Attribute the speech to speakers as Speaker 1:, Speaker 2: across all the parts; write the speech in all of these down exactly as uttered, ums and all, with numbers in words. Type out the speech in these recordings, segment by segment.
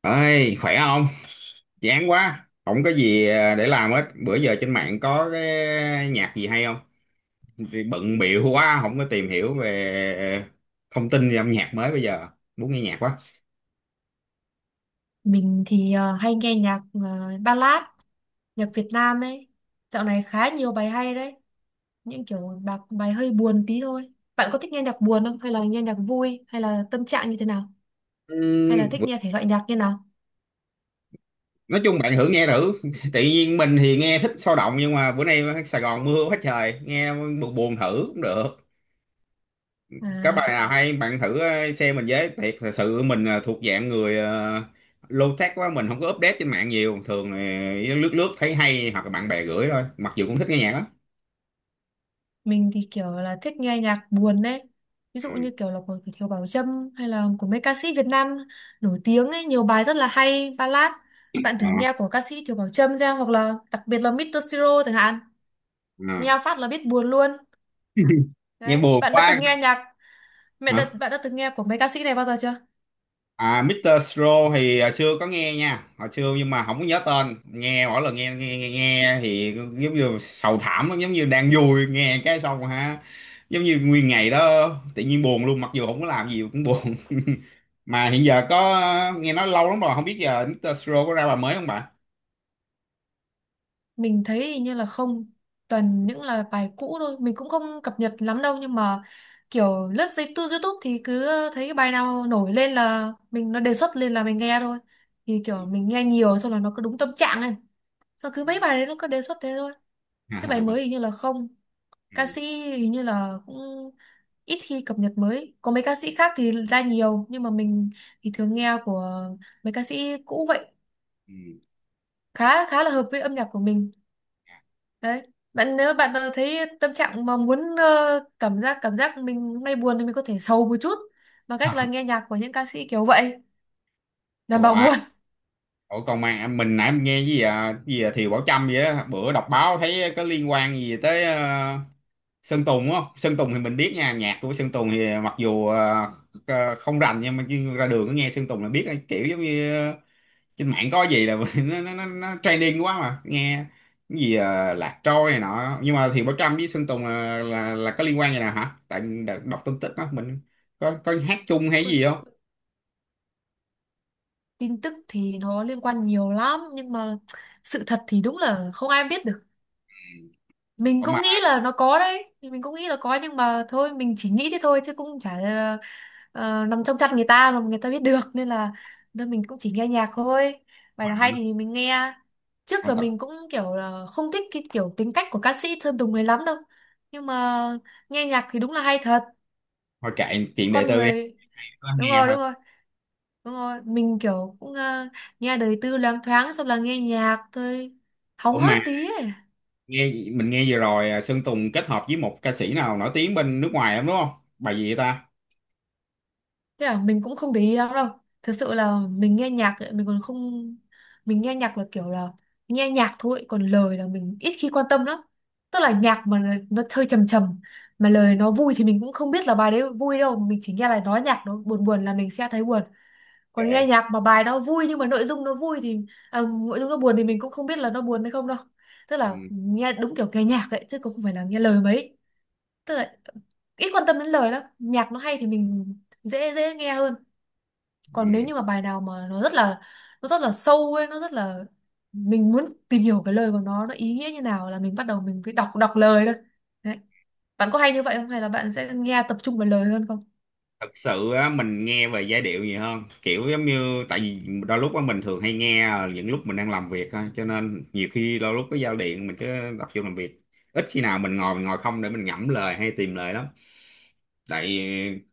Speaker 1: Ơi, khỏe không? Chán quá không có gì à, để làm hết bữa giờ. Trên mạng có cái nhạc gì hay không? Vì bận bịu quá không có tìm hiểu về ờ, thông tin về âm nhạc mới bây giờ. Muốn nghe nhạc quá.
Speaker 2: Mình thì ờ, hay nghe nhạc ờ, ballad, nhạc Việt Nam ấy. Dạo này khá nhiều bài hay đấy. Những kiểu bạc bài hơi buồn tí thôi. Bạn có thích nghe nhạc buồn không? Hay là nghe nhạc vui? Hay là tâm trạng như thế nào? Hay là
Speaker 1: Ừm,
Speaker 2: thích
Speaker 1: bữa-
Speaker 2: nghe thể loại nhạc như nào?
Speaker 1: nói chung bạn thử nghe thử. Tự nhiên mình thì nghe thích sôi động, nhưng mà bữa nay Sài Gòn mưa quá trời, nghe buồn buồn thử cũng được. Các
Speaker 2: À,
Speaker 1: bài nào hay bạn thử ờ, xem mình với. Thiệt thật sự mình ờ, thuộc dạng người uh, low tech quá, mình không có update trên mạng nhiều, thường là lướt lướt thấy hay hoặc là bạn bè gửi thôi, mặc dù cũng thích nghe nhạc lắm.
Speaker 2: mình thì kiểu là thích nghe nhạc buồn đấy. Ví
Speaker 1: Ừ.
Speaker 2: dụ như kiểu là của Thiều Bảo Trâm hay là của mấy ca sĩ Việt Nam nổi tiếng ấy. Nhiều bài rất là hay, ballad. Bạn
Speaker 1: Ờ,
Speaker 2: thử nghe của ca sĩ Thiều Bảo Trâm ra, hoặc là đặc biệt là mít tờ Siro chẳng hạn.
Speaker 1: ờ.
Speaker 2: Nghe phát là biết buồn luôn.
Speaker 1: Nghe
Speaker 2: Đấy,
Speaker 1: buồn
Speaker 2: bạn đã
Speaker 1: quá.
Speaker 2: từng nghe nhạc mẹ đã,
Speaker 1: Hả?
Speaker 2: bạn đã từng nghe của mấy ca sĩ này bao giờ chưa?
Speaker 1: À, mít tơ Sro thì hồi xưa có nghe nha, hồi xưa, nhưng mà không có nhớ tên. Nghe mỗi lần nghe nghe nghe, nghe thì giống như sầu thảm lắm, giống như đang vui nghe cái xong, ha, giống như nguyên ngày đó tự nhiên buồn luôn, mặc dù không có làm gì cũng buồn. Mà hiện giờ có nghe nói lâu lắm rồi, không biết giờ mít tơ Siro có ra bài mới không bạn?
Speaker 2: Mình thấy hình như là không, toàn những là bài cũ thôi, mình cũng không cập nhật lắm đâu, nhưng mà kiểu lướt dây tu- YouTube thì cứ thấy cái bài nào nổi lên là mình nó đề xuất lên là mình nghe thôi. Thì kiểu mình nghe nhiều xong là nó cứ đúng tâm trạng này. Xong cứ mấy bài đấy nó cứ đề xuất thế thôi.
Speaker 1: Ừ.
Speaker 2: Chứ bài mới hình như là không.
Speaker 1: Ừ,
Speaker 2: Ca sĩ hình như là cũng ít khi cập nhật mới. Có mấy ca sĩ khác thì ra nhiều, nhưng mà mình thì thường nghe của mấy ca sĩ cũ vậy,
Speaker 1: ừ.
Speaker 2: khá khá là hợp với âm nhạc của mình đấy. Bạn, nếu bạn ờ, thấy tâm trạng mà muốn ờ, cảm giác cảm giác mình hôm nay buồn, thì mình có thể sầu một chút bằng cách là nghe nhạc của những ca sĩ kiểu vậy, đảm
Speaker 1: Ủa,
Speaker 2: bảo
Speaker 1: à,
Speaker 2: buồn.
Speaker 1: ủa còn mà à, mình nãy mình nghe gì, à, gì à, Thiều Bảo Trâm vậy á, bữa đọc báo thấy có liên quan gì tới ờ, Sơn Tùng, đúng không? Sơn Tùng thì mình biết nha, nhạc của Sơn Tùng thì mặc dù ờ, ờ, không rành, nhưng mà chứ ra đường có nghe Sơn Tùng là biết, kiểu giống như trên mạng có gì là nó nó nó, nó trending quá mà nghe cái gì, à, lạc trôi này nọ, nhưng mà Thiện Bảo Trâm với Sơn Tùng là là, là có liên quan gì nào hả, tại mình đã đọc tin tức á mình có có hát chung hay
Speaker 2: Ôi,
Speaker 1: gì không.
Speaker 2: tin tức thì nó liên quan nhiều lắm, nhưng mà sự thật thì đúng là không ai biết được. Mình
Speaker 1: Ủa mà
Speaker 2: cũng nghĩ là nó có đấy, mình cũng nghĩ là có, nhưng mà thôi, mình chỉ nghĩ thế thôi chứ cũng chả ờ, ờ, nằm trong chat người ta mà người ta biết được, nên là nên mình cũng chỉ nghe nhạc thôi, bài
Speaker 1: hồi
Speaker 2: nào
Speaker 1: nói
Speaker 2: hay thì mình nghe. Trước
Speaker 1: hồi
Speaker 2: là
Speaker 1: tập
Speaker 2: mình cũng kiểu là không thích cái kiểu tính cách của ca sĩ Sơn Tùng này lắm đâu, nhưng mà nghe nhạc thì đúng là hay thật.
Speaker 1: hồi kệ chuyện đời
Speaker 2: Con
Speaker 1: tư đi,
Speaker 2: người.
Speaker 1: có
Speaker 2: Đúng
Speaker 1: nghe
Speaker 2: rồi,
Speaker 1: thôi.
Speaker 2: đúng rồi, đúng rồi. Mình kiểu cũng ờ, nghe đời tư loáng thoáng, xong là nghe nhạc thôi, hóng
Speaker 1: Ủa
Speaker 2: hớt
Speaker 1: mà
Speaker 2: tí ấy.
Speaker 1: nghe, mình nghe vừa rồi, à, Sơn Tùng kết hợp với một ca sĩ nào nổi tiếng bên nước ngoài lắm, đúng không? Bài gì vậy ta?
Speaker 2: Thế à, mình cũng không để ý lắm đâu. Thật sự là mình nghe nhạc ấy, mình còn không, mình nghe nhạc là kiểu là nghe nhạc thôi, còn lời là mình ít khi quan tâm lắm. Tức là nhạc mà nó nó hơi trầm trầm mà lời nó vui thì mình cũng không biết là bài đấy vui đâu, mình chỉ nghe là nói nhạc nó buồn buồn là mình sẽ thấy buồn. Còn nghe
Speaker 1: Ok.
Speaker 2: nhạc mà bài đó vui nhưng mà nội dung nó vui thì à, nội dung nó buồn thì mình cũng không biết là nó buồn hay không đâu. Tức là
Speaker 1: Ừ.
Speaker 2: nghe đúng kiểu nghe nhạc ấy, chứ cũng không phải là nghe lời mấy. Tức là ít quan tâm đến lời lắm. Nhạc nó hay thì mình dễ dễ nghe hơn. Còn nếu
Speaker 1: Ừ.
Speaker 2: như mà bài nào mà nó rất là nó rất là sâu ấy, nó rất là mình muốn tìm hiểu cái lời của nó nó ý nghĩa như nào, là mình bắt đầu mình phải đọc đọc lời thôi. Đấy, bạn có hay như vậy không, hay là bạn sẽ nghe tập trung vào lời hơn? Không
Speaker 1: Thật sự á, mình nghe về giai điệu nhiều hơn, kiểu giống như tại vì đôi lúc á, mình thường hay nghe ờ, những lúc mình đang làm việc thôi, cho nên nhiều khi đôi lúc cái giao điện mình cứ tập trung làm việc, ít khi nào mình ngồi mình ngồi không để mình ngẫm lời hay tìm lời lắm. Tại,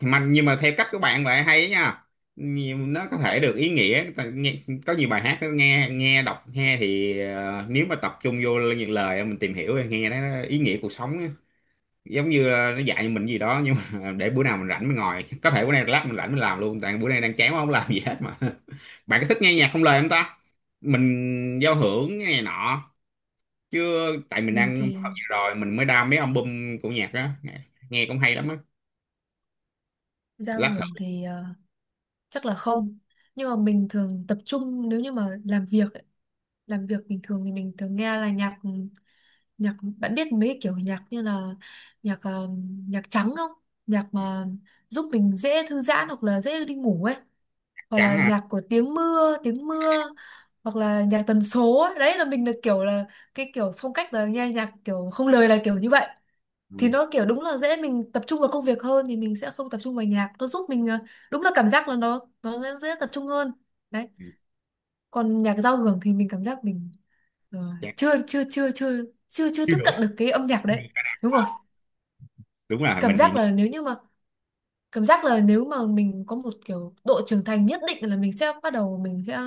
Speaker 1: mà nhưng mà theo cách của bạn lại hay nha. Nhiều- nó có thể được ý nghĩa. Tại nghe, có nhiều bài hát nó nghe nghe đọc nghe thì ờ, nếu mà tập trung vô những lời mình tìm hiểu thì nghe nó ý nghĩa cuộc sống, giống như là nó dạy mình gì đó, nhưng mà để bữa nào mình rảnh mình ngồi, có thể bữa nay lát mình rảnh mình làm luôn, tại bữa nay đang chán quá không làm gì hết mà. Bạn có thích nghe nhạc không lời không ta? Mình giao hưởng nghe này nọ chứ, tại mình
Speaker 2: mình
Speaker 1: đang học
Speaker 2: thì
Speaker 1: gì rồi mình mới đam mấy album của nhạc đó, nghe cũng hay lắm á.
Speaker 2: giao
Speaker 1: Lát
Speaker 2: hưởng
Speaker 1: thử.
Speaker 2: thì ờ, chắc là không, nhưng mà mình thường tập trung nếu như mà làm việc ấy, làm việc bình thường thì mình thường nghe là nhạc ừ, nhạc, bạn biết mấy cái kiểu nhạc như là nhạc ờ, nhạc trắng không? Nhạc mà giúp mình dễ thư giãn hoặc là dễ đi ngủ ấy, hoặc
Speaker 1: Trắng
Speaker 2: là
Speaker 1: à?
Speaker 2: nhạc của tiếng mưa tiếng mưa, hoặc là nhạc tần số ấy. Đấy là mình là kiểu là cái kiểu phong cách là nghe nhạc kiểu không lời là kiểu như vậy.
Speaker 1: Ừ.
Speaker 2: Thì nó kiểu đúng là dễ mình tập trung vào công việc hơn, thì mình sẽ không tập trung vào nhạc, nó giúp mình à, đúng là cảm giác là nó nó dễ, dễ tập trung hơn đấy.
Speaker 1: Ừ,
Speaker 2: Còn nhạc giao hưởng thì mình cảm giác mình ờ, chưa
Speaker 1: trắng.
Speaker 2: chưa chưa chưa chưa chưa
Speaker 1: Chưa
Speaker 2: tiếp
Speaker 1: đủ.
Speaker 2: cận được cái âm nhạc
Speaker 1: Chưa đủ.
Speaker 2: đấy. Đúng rồi,
Speaker 1: Đúng rồi,
Speaker 2: cảm
Speaker 1: mình thì
Speaker 2: giác
Speaker 1: nghe.
Speaker 2: là nếu như mà cảm giác là nếu mà mình có một kiểu độ trưởng thành nhất định, là mình sẽ bắt đầu, mình sẽ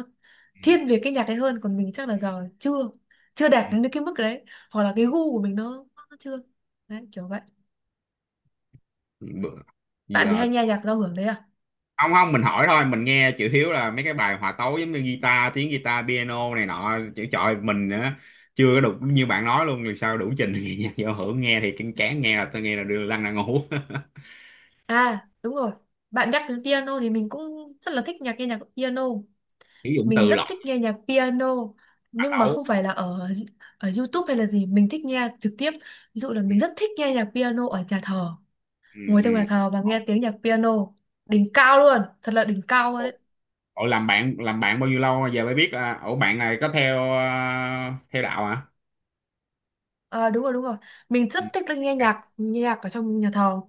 Speaker 1: Ừ.
Speaker 2: thiên về cái nhạc ấy hơn, còn mình chắc là giờ chưa chưa
Speaker 1: Ừ,
Speaker 2: đạt đến cái mức đấy, hoặc là cái gu của mình nó, nó chưa, đấy kiểu vậy.
Speaker 1: ừ. Bữa
Speaker 2: Bạn thì
Speaker 1: giờ.
Speaker 2: hay nghe nhạc giao hưởng đấy à?
Speaker 1: Không, không, mình hỏi thôi. Mình nghe chữ Hiếu là mấy cái bài hòa tấu giống như guitar tiếng guitar piano này nọ, chữ trời mình á, chưa có đủ như bạn nói luôn thì sao đủ trình. Thì nhạc giao hưởng nghe thì kinh chán, nghe là tôi nghe là đưa lăn ra ngủ.
Speaker 2: À, đúng rồi, bạn nhắc đến piano thì mình cũng rất là thích nhạc nghe nhạc piano,
Speaker 1: Sử dụng
Speaker 2: mình
Speaker 1: từ
Speaker 2: rất
Speaker 1: lọc.
Speaker 2: thích nghe nhạc piano,
Speaker 1: Hòa
Speaker 2: nhưng mà
Speaker 1: tấu.
Speaker 2: không phải là ở ở YouTube hay là gì, mình thích nghe trực tiếp. Ví dụ là mình rất thích nghe nhạc piano ở nhà thờ,
Speaker 1: Ừ,
Speaker 2: ngồi trong nhà
Speaker 1: ừ.
Speaker 2: thờ và nghe tiếng nhạc piano, đỉnh cao luôn, thật là đỉnh cao luôn
Speaker 1: Ừ.
Speaker 2: đấy.
Speaker 1: Ủa làm bạn làm bạn bao nhiêu lâu rồi? Giờ mới biết à, ủa bạn này có theo à, theo đạo hả?
Speaker 2: À, đúng rồi, đúng rồi, mình rất
Speaker 1: Ừ.
Speaker 2: thích là nghe
Speaker 1: Ok.
Speaker 2: nhạc nghe nhạc ở trong nhà thờ,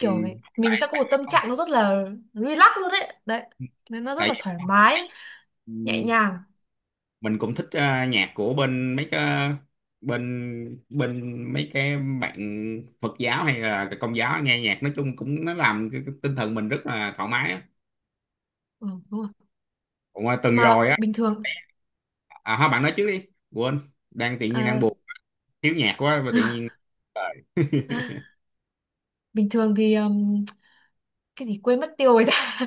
Speaker 1: Ừ.
Speaker 2: mình, mình sẽ có một tâm trạng nó rất là relax luôn đấy đấy, nên nó rất
Speaker 1: Tại
Speaker 2: là
Speaker 1: tại
Speaker 2: thoải mái, nhẹ
Speaker 1: vì
Speaker 2: nhàng.
Speaker 1: mình cũng thích ờ, nhạc của bên mấy cái bên bên mấy cái bạn Phật giáo hay là Công giáo, nghe nhạc nói chung cũng nó làm cái, cái tinh thần mình rất là thoải mái á.
Speaker 2: Ừ, đúng rồi.
Speaker 1: Cũng ờ, tuần
Speaker 2: Mà
Speaker 1: rồi á,
Speaker 2: bình thường
Speaker 1: à thôi bạn nói trước đi. Quên, đang tự nhiên đang
Speaker 2: à,
Speaker 1: buồn, thiếu nhạc quá và tự nhiên. Trời. Ừ,
Speaker 2: bình thường thì um, cái gì quên mất tiêu rồi ta.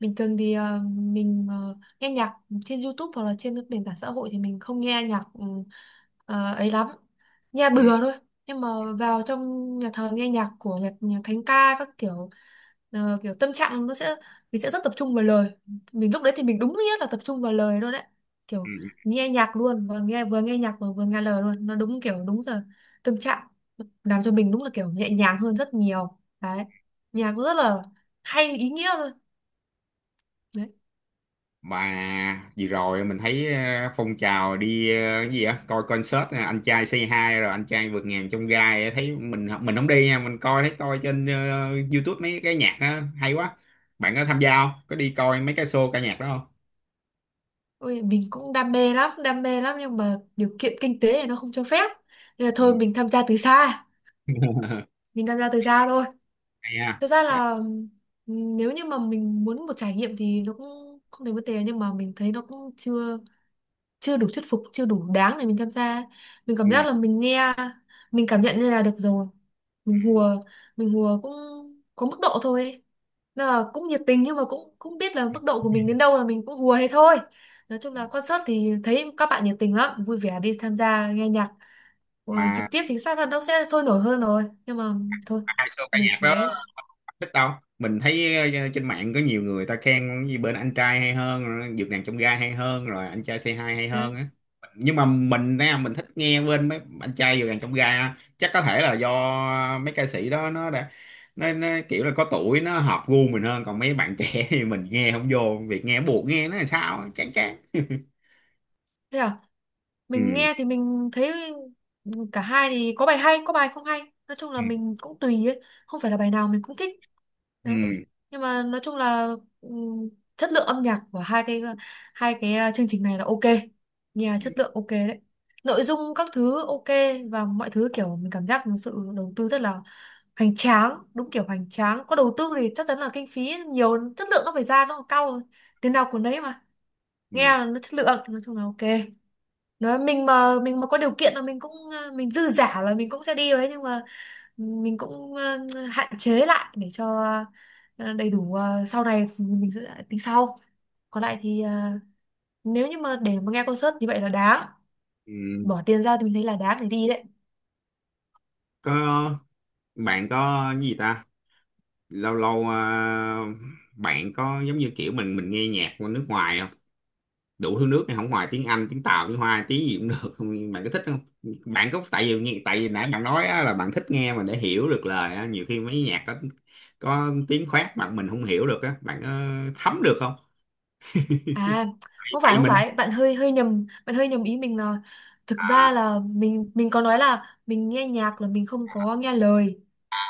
Speaker 2: Bình thường thì ờ, mình ờ, nghe nhạc trên YouTube hoặc là trên các nền tảng xã hội thì mình không nghe nhạc ừ, ờ, ấy lắm, nghe
Speaker 1: ừ,
Speaker 2: bừa thôi. Nhưng mà vào trong nhà thờ nghe nhạc của nhạc, nhạc thánh ca các kiểu, ờ, kiểu tâm trạng nó sẽ mình sẽ rất tập trung vào lời. Mình lúc đấy thì mình đúng nghĩa là tập trung vào lời luôn đấy,
Speaker 1: ừ.
Speaker 2: kiểu nghe nhạc luôn, và nghe vừa nghe nhạc và vừa nghe lời luôn, nó đúng kiểu đúng giờ tâm trạng, làm cho mình đúng là kiểu nhẹ nhàng hơn rất nhiều đấy. Nhạc rất là hay, ý nghĩa luôn đấy.
Speaker 1: Mà vừa rồi mình thấy ờ, phong trào đi ờ, cái gì á coi concert ờ, anh trai Say Hi rồi anh trai vượt ngàn chông gai á, thấy mình mình không đi nha, mình coi thấy coi trên ờ, YouTube mấy cái nhạc á, hay quá. Bạn có tham gia không? Có đi coi mấy cái show ca nhạc đó không?
Speaker 2: Ôi, mình cũng đam mê lắm, đam mê lắm, nhưng mà điều kiện kinh tế thì nó không cho phép. Nên là
Speaker 1: Ừ.
Speaker 2: thôi, mình tham gia từ xa, mình tham gia từ xa thôi.
Speaker 1: Hay ha.
Speaker 2: Thực ra là ừm, nếu như mà mình muốn một trải nghiệm thì nó cũng không thành vấn đề, nhưng mà mình thấy nó cũng chưa chưa đủ thuyết phục, chưa đủ đáng để mình tham gia. Mình cảm
Speaker 1: Ừ.
Speaker 2: giác là mình nghe mình cảm nhận như là được rồi, mình hùa mình hùa cũng có mức độ thôi ấy. Nên là cũng nhiệt tình, nhưng mà cũng cũng biết là mức độ của mình đến đâu, là mình cũng hùa thế thôi. Nói chung là concert thì thấy các bạn nhiệt tình lắm, vui vẻ đi tham gia nghe nhạc. Ừ,
Speaker 1: Mà
Speaker 2: trực tiếp thì chắc là nó sẽ sôi nổi hơn rồi, nhưng mà thôi,
Speaker 1: hai show ca
Speaker 2: mình
Speaker 1: nhạc
Speaker 2: chỉ
Speaker 1: đó
Speaker 2: ấy
Speaker 1: thích đâu, mình thấy ờ, trên mạng có nhiều người ta khen cái gì bên anh trai hay hơn rồi dược nàng trong gai hay hơn rồi anh trai xê hai hay
Speaker 2: đấy.
Speaker 1: hơn á, nhưng mà mình á, mình thích nghe bên mấy anh trai dược nàng trong gai á. Chắc có thể là do mấy ca sĩ đó nó đã nó, nó kiểu là có tuổi nó hợp gu mình hơn, còn mấy bạn trẻ thì mình nghe không vô, việc nghe buộc nghe nó là sao á, chán chán.
Speaker 2: Thế à, mình
Speaker 1: Ừ,
Speaker 2: nghe thì mình thấy cả hai thì có bài hay có bài không hay. Nói chung là
Speaker 1: ừ,
Speaker 2: mình cũng tùy ấy, không phải là bài nào mình cũng thích đấy,
Speaker 1: ừ,
Speaker 2: nhưng mà nói chung là ừm, chất lượng âm nhạc của hai cái hai cái ờ, chương trình này là ok, nghe
Speaker 1: ừ,
Speaker 2: chất lượng ok đấy, nội dung các thứ ok, và mọi thứ kiểu mình cảm giác một sự đầu tư rất là hoành tráng, đúng kiểu hoành tráng. Có đầu tư thì chắc chắn là kinh phí nhiều, chất lượng nó phải ra nó cao, tiền nào của nấy mà.
Speaker 1: ừ.
Speaker 2: Nghe là nó chất lượng, nói chung là ok. Nói mình mà mình mà có điều kiện, là mình cũng ờ, mình dư giả là mình cũng sẽ đi đấy, nhưng mà mình cũng ờ, hạn chế lại để cho ờ, đầy đủ, ờ, sau này mình sẽ tính sau. Còn lại thì ờ, nếu như mà để mà nghe concert như vậy là đáng
Speaker 1: Ừ.
Speaker 2: bỏ tiền ra, thì mình thấy là đáng để đi đấy.
Speaker 1: Có, bạn có cái gì ta, lâu lâu à, bạn có giống như kiểu mình mình nghe nhạc của nước ngoài không đủ thứ nước này không, ngoài tiếng Anh, tiếng Tàu, tiếng Hoa, tiếng gì cũng được không, bạn có thích không? Bạn có, tại vì nghe tại vì nãy bạn nói á, là bạn thích nghe mà để hiểu được lời á, nhiều khi mấy nhạc có, có tiếng khoát bạn mình không hiểu được á, bạn có thấm được không?
Speaker 2: À, không
Speaker 1: Tại
Speaker 2: phải
Speaker 1: vì
Speaker 2: không
Speaker 1: mình
Speaker 2: phải, bạn hơi hơi nhầm, bạn hơi nhầm ý mình là, thực
Speaker 1: à,
Speaker 2: ra là mình mình có nói là mình nghe nhạc là mình không có nghe lời.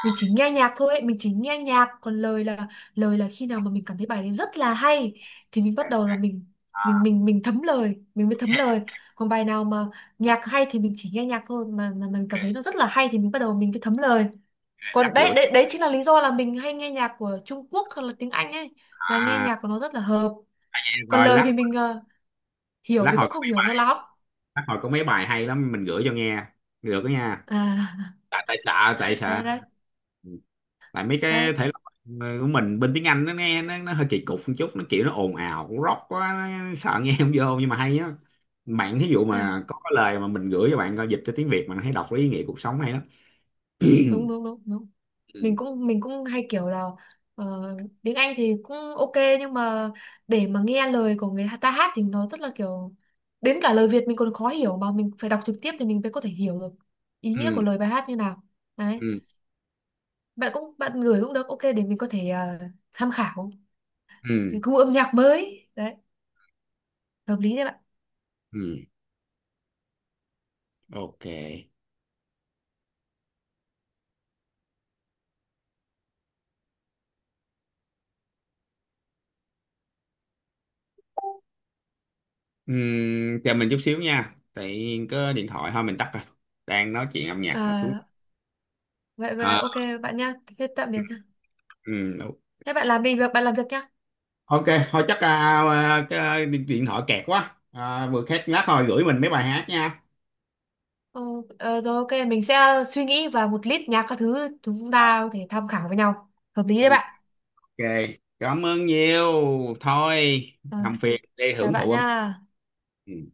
Speaker 2: Mình chỉ nghe nhạc thôi, mình chỉ nghe nhạc, còn lời là lời là khi nào mà mình cảm thấy bài đấy rất là hay, thì mình
Speaker 1: à,
Speaker 2: bắt đầu là mình
Speaker 1: à,
Speaker 2: mình
Speaker 1: ok,
Speaker 2: mình mình thấm lời, mình mới thấm lời. Còn bài nào mà nhạc hay thì mình chỉ nghe nhạc thôi, mà mà mình cảm thấy nó rất là hay, thì mình bắt đầu mình mới thấm lời.
Speaker 1: lát
Speaker 2: Còn đấy
Speaker 1: gửi,
Speaker 2: đấy đấy chính là lý do là mình hay nghe nhạc của Trung Quốc hoặc là tiếng Anh ấy, là nghe
Speaker 1: à,
Speaker 2: nhạc của nó rất là hợp,
Speaker 1: nghe
Speaker 2: còn
Speaker 1: coi
Speaker 2: lời
Speaker 1: lát,
Speaker 2: thì mình ờ, hiểu
Speaker 1: lát
Speaker 2: thì
Speaker 1: hồi
Speaker 2: cũng
Speaker 1: có
Speaker 2: không
Speaker 1: mấy
Speaker 2: hiểu cho
Speaker 1: bài
Speaker 2: lắm.
Speaker 1: lát hồi có mấy bài hay lắm mình gửi cho nghe được đó nha.
Speaker 2: À,
Speaker 1: Tại tại xạ tại xạ.
Speaker 2: đấy đấy đấy.
Speaker 1: Ừ. Tại mấy cái thể loại ờ, của mình bên tiếng Anh nó nghe nó, nó hơi kỳ cục một chút, nó kiểu nó ồn ào cũng rock quá, nó sợ nghe không vô, nhưng mà hay á. Bạn thí dụ
Speaker 2: Thế à?
Speaker 1: mà có cái lời mà mình gửi cho bạn coi dịch cho tiếng Việt mà thấy đọc lấy ý nghĩa cuộc sống hay lắm.
Speaker 2: Đúng đúng đúng đúng,
Speaker 1: Ừ,
Speaker 2: mình
Speaker 1: ừ,
Speaker 2: cũng mình cũng hay kiểu là ờ, tiếng Anh thì cũng ok, nhưng mà để mà nghe lời của người ta hát thì nó rất là kiểu, đến cả lời Việt mình còn khó hiểu mà, mình phải đọc trực tiếp thì mình mới có thể hiểu được ý nghĩa
Speaker 1: ừ,
Speaker 2: của lời bài hát như nào. Đấy, bạn cũng bạn gửi cũng được ok, để mình có thể ờ, tham khảo
Speaker 1: ừ,
Speaker 2: cái gu âm nhạc mới đấy, hợp lý đấy bạn.
Speaker 1: ừ. Ok. Ừ, chờ mình chút xíu nha, tại có điện thoại, thôi mình tắt rồi. Đang nói chuyện âm nhạc là thú.
Speaker 2: Ờ, vậy vậy
Speaker 1: À,
Speaker 2: ok bạn nha, thế tạm biệt.
Speaker 1: ừ, ok.
Speaker 2: Thế bạn làm đi việc, bạn làm việc nhá.
Speaker 1: Ok, thôi chắc à, à, cái à, điện thoại kẹt quá. À, vừa khách lát, thôi gửi mình mấy bài hát nha.
Speaker 2: Ờ, ờ, rồi ok, mình sẽ suy nghĩ và một list nhạc các thứ chúng ta có thể tham khảo với nhau. Hợp lý
Speaker 1: Ừ,
Speaker 2: đấy bạn.
Speaker 1: ok, cảm ơn nhiều. Thôi,
Speaker 2: Ờ,
Speaker 1: làm phiền đi
Speaker 2: chào
Speaker 1: hưởng
Speaker 2: bạn
Speaker 1: thụ âm nhạc.
Speaker 2: nha.
Speaker 1: Ừ.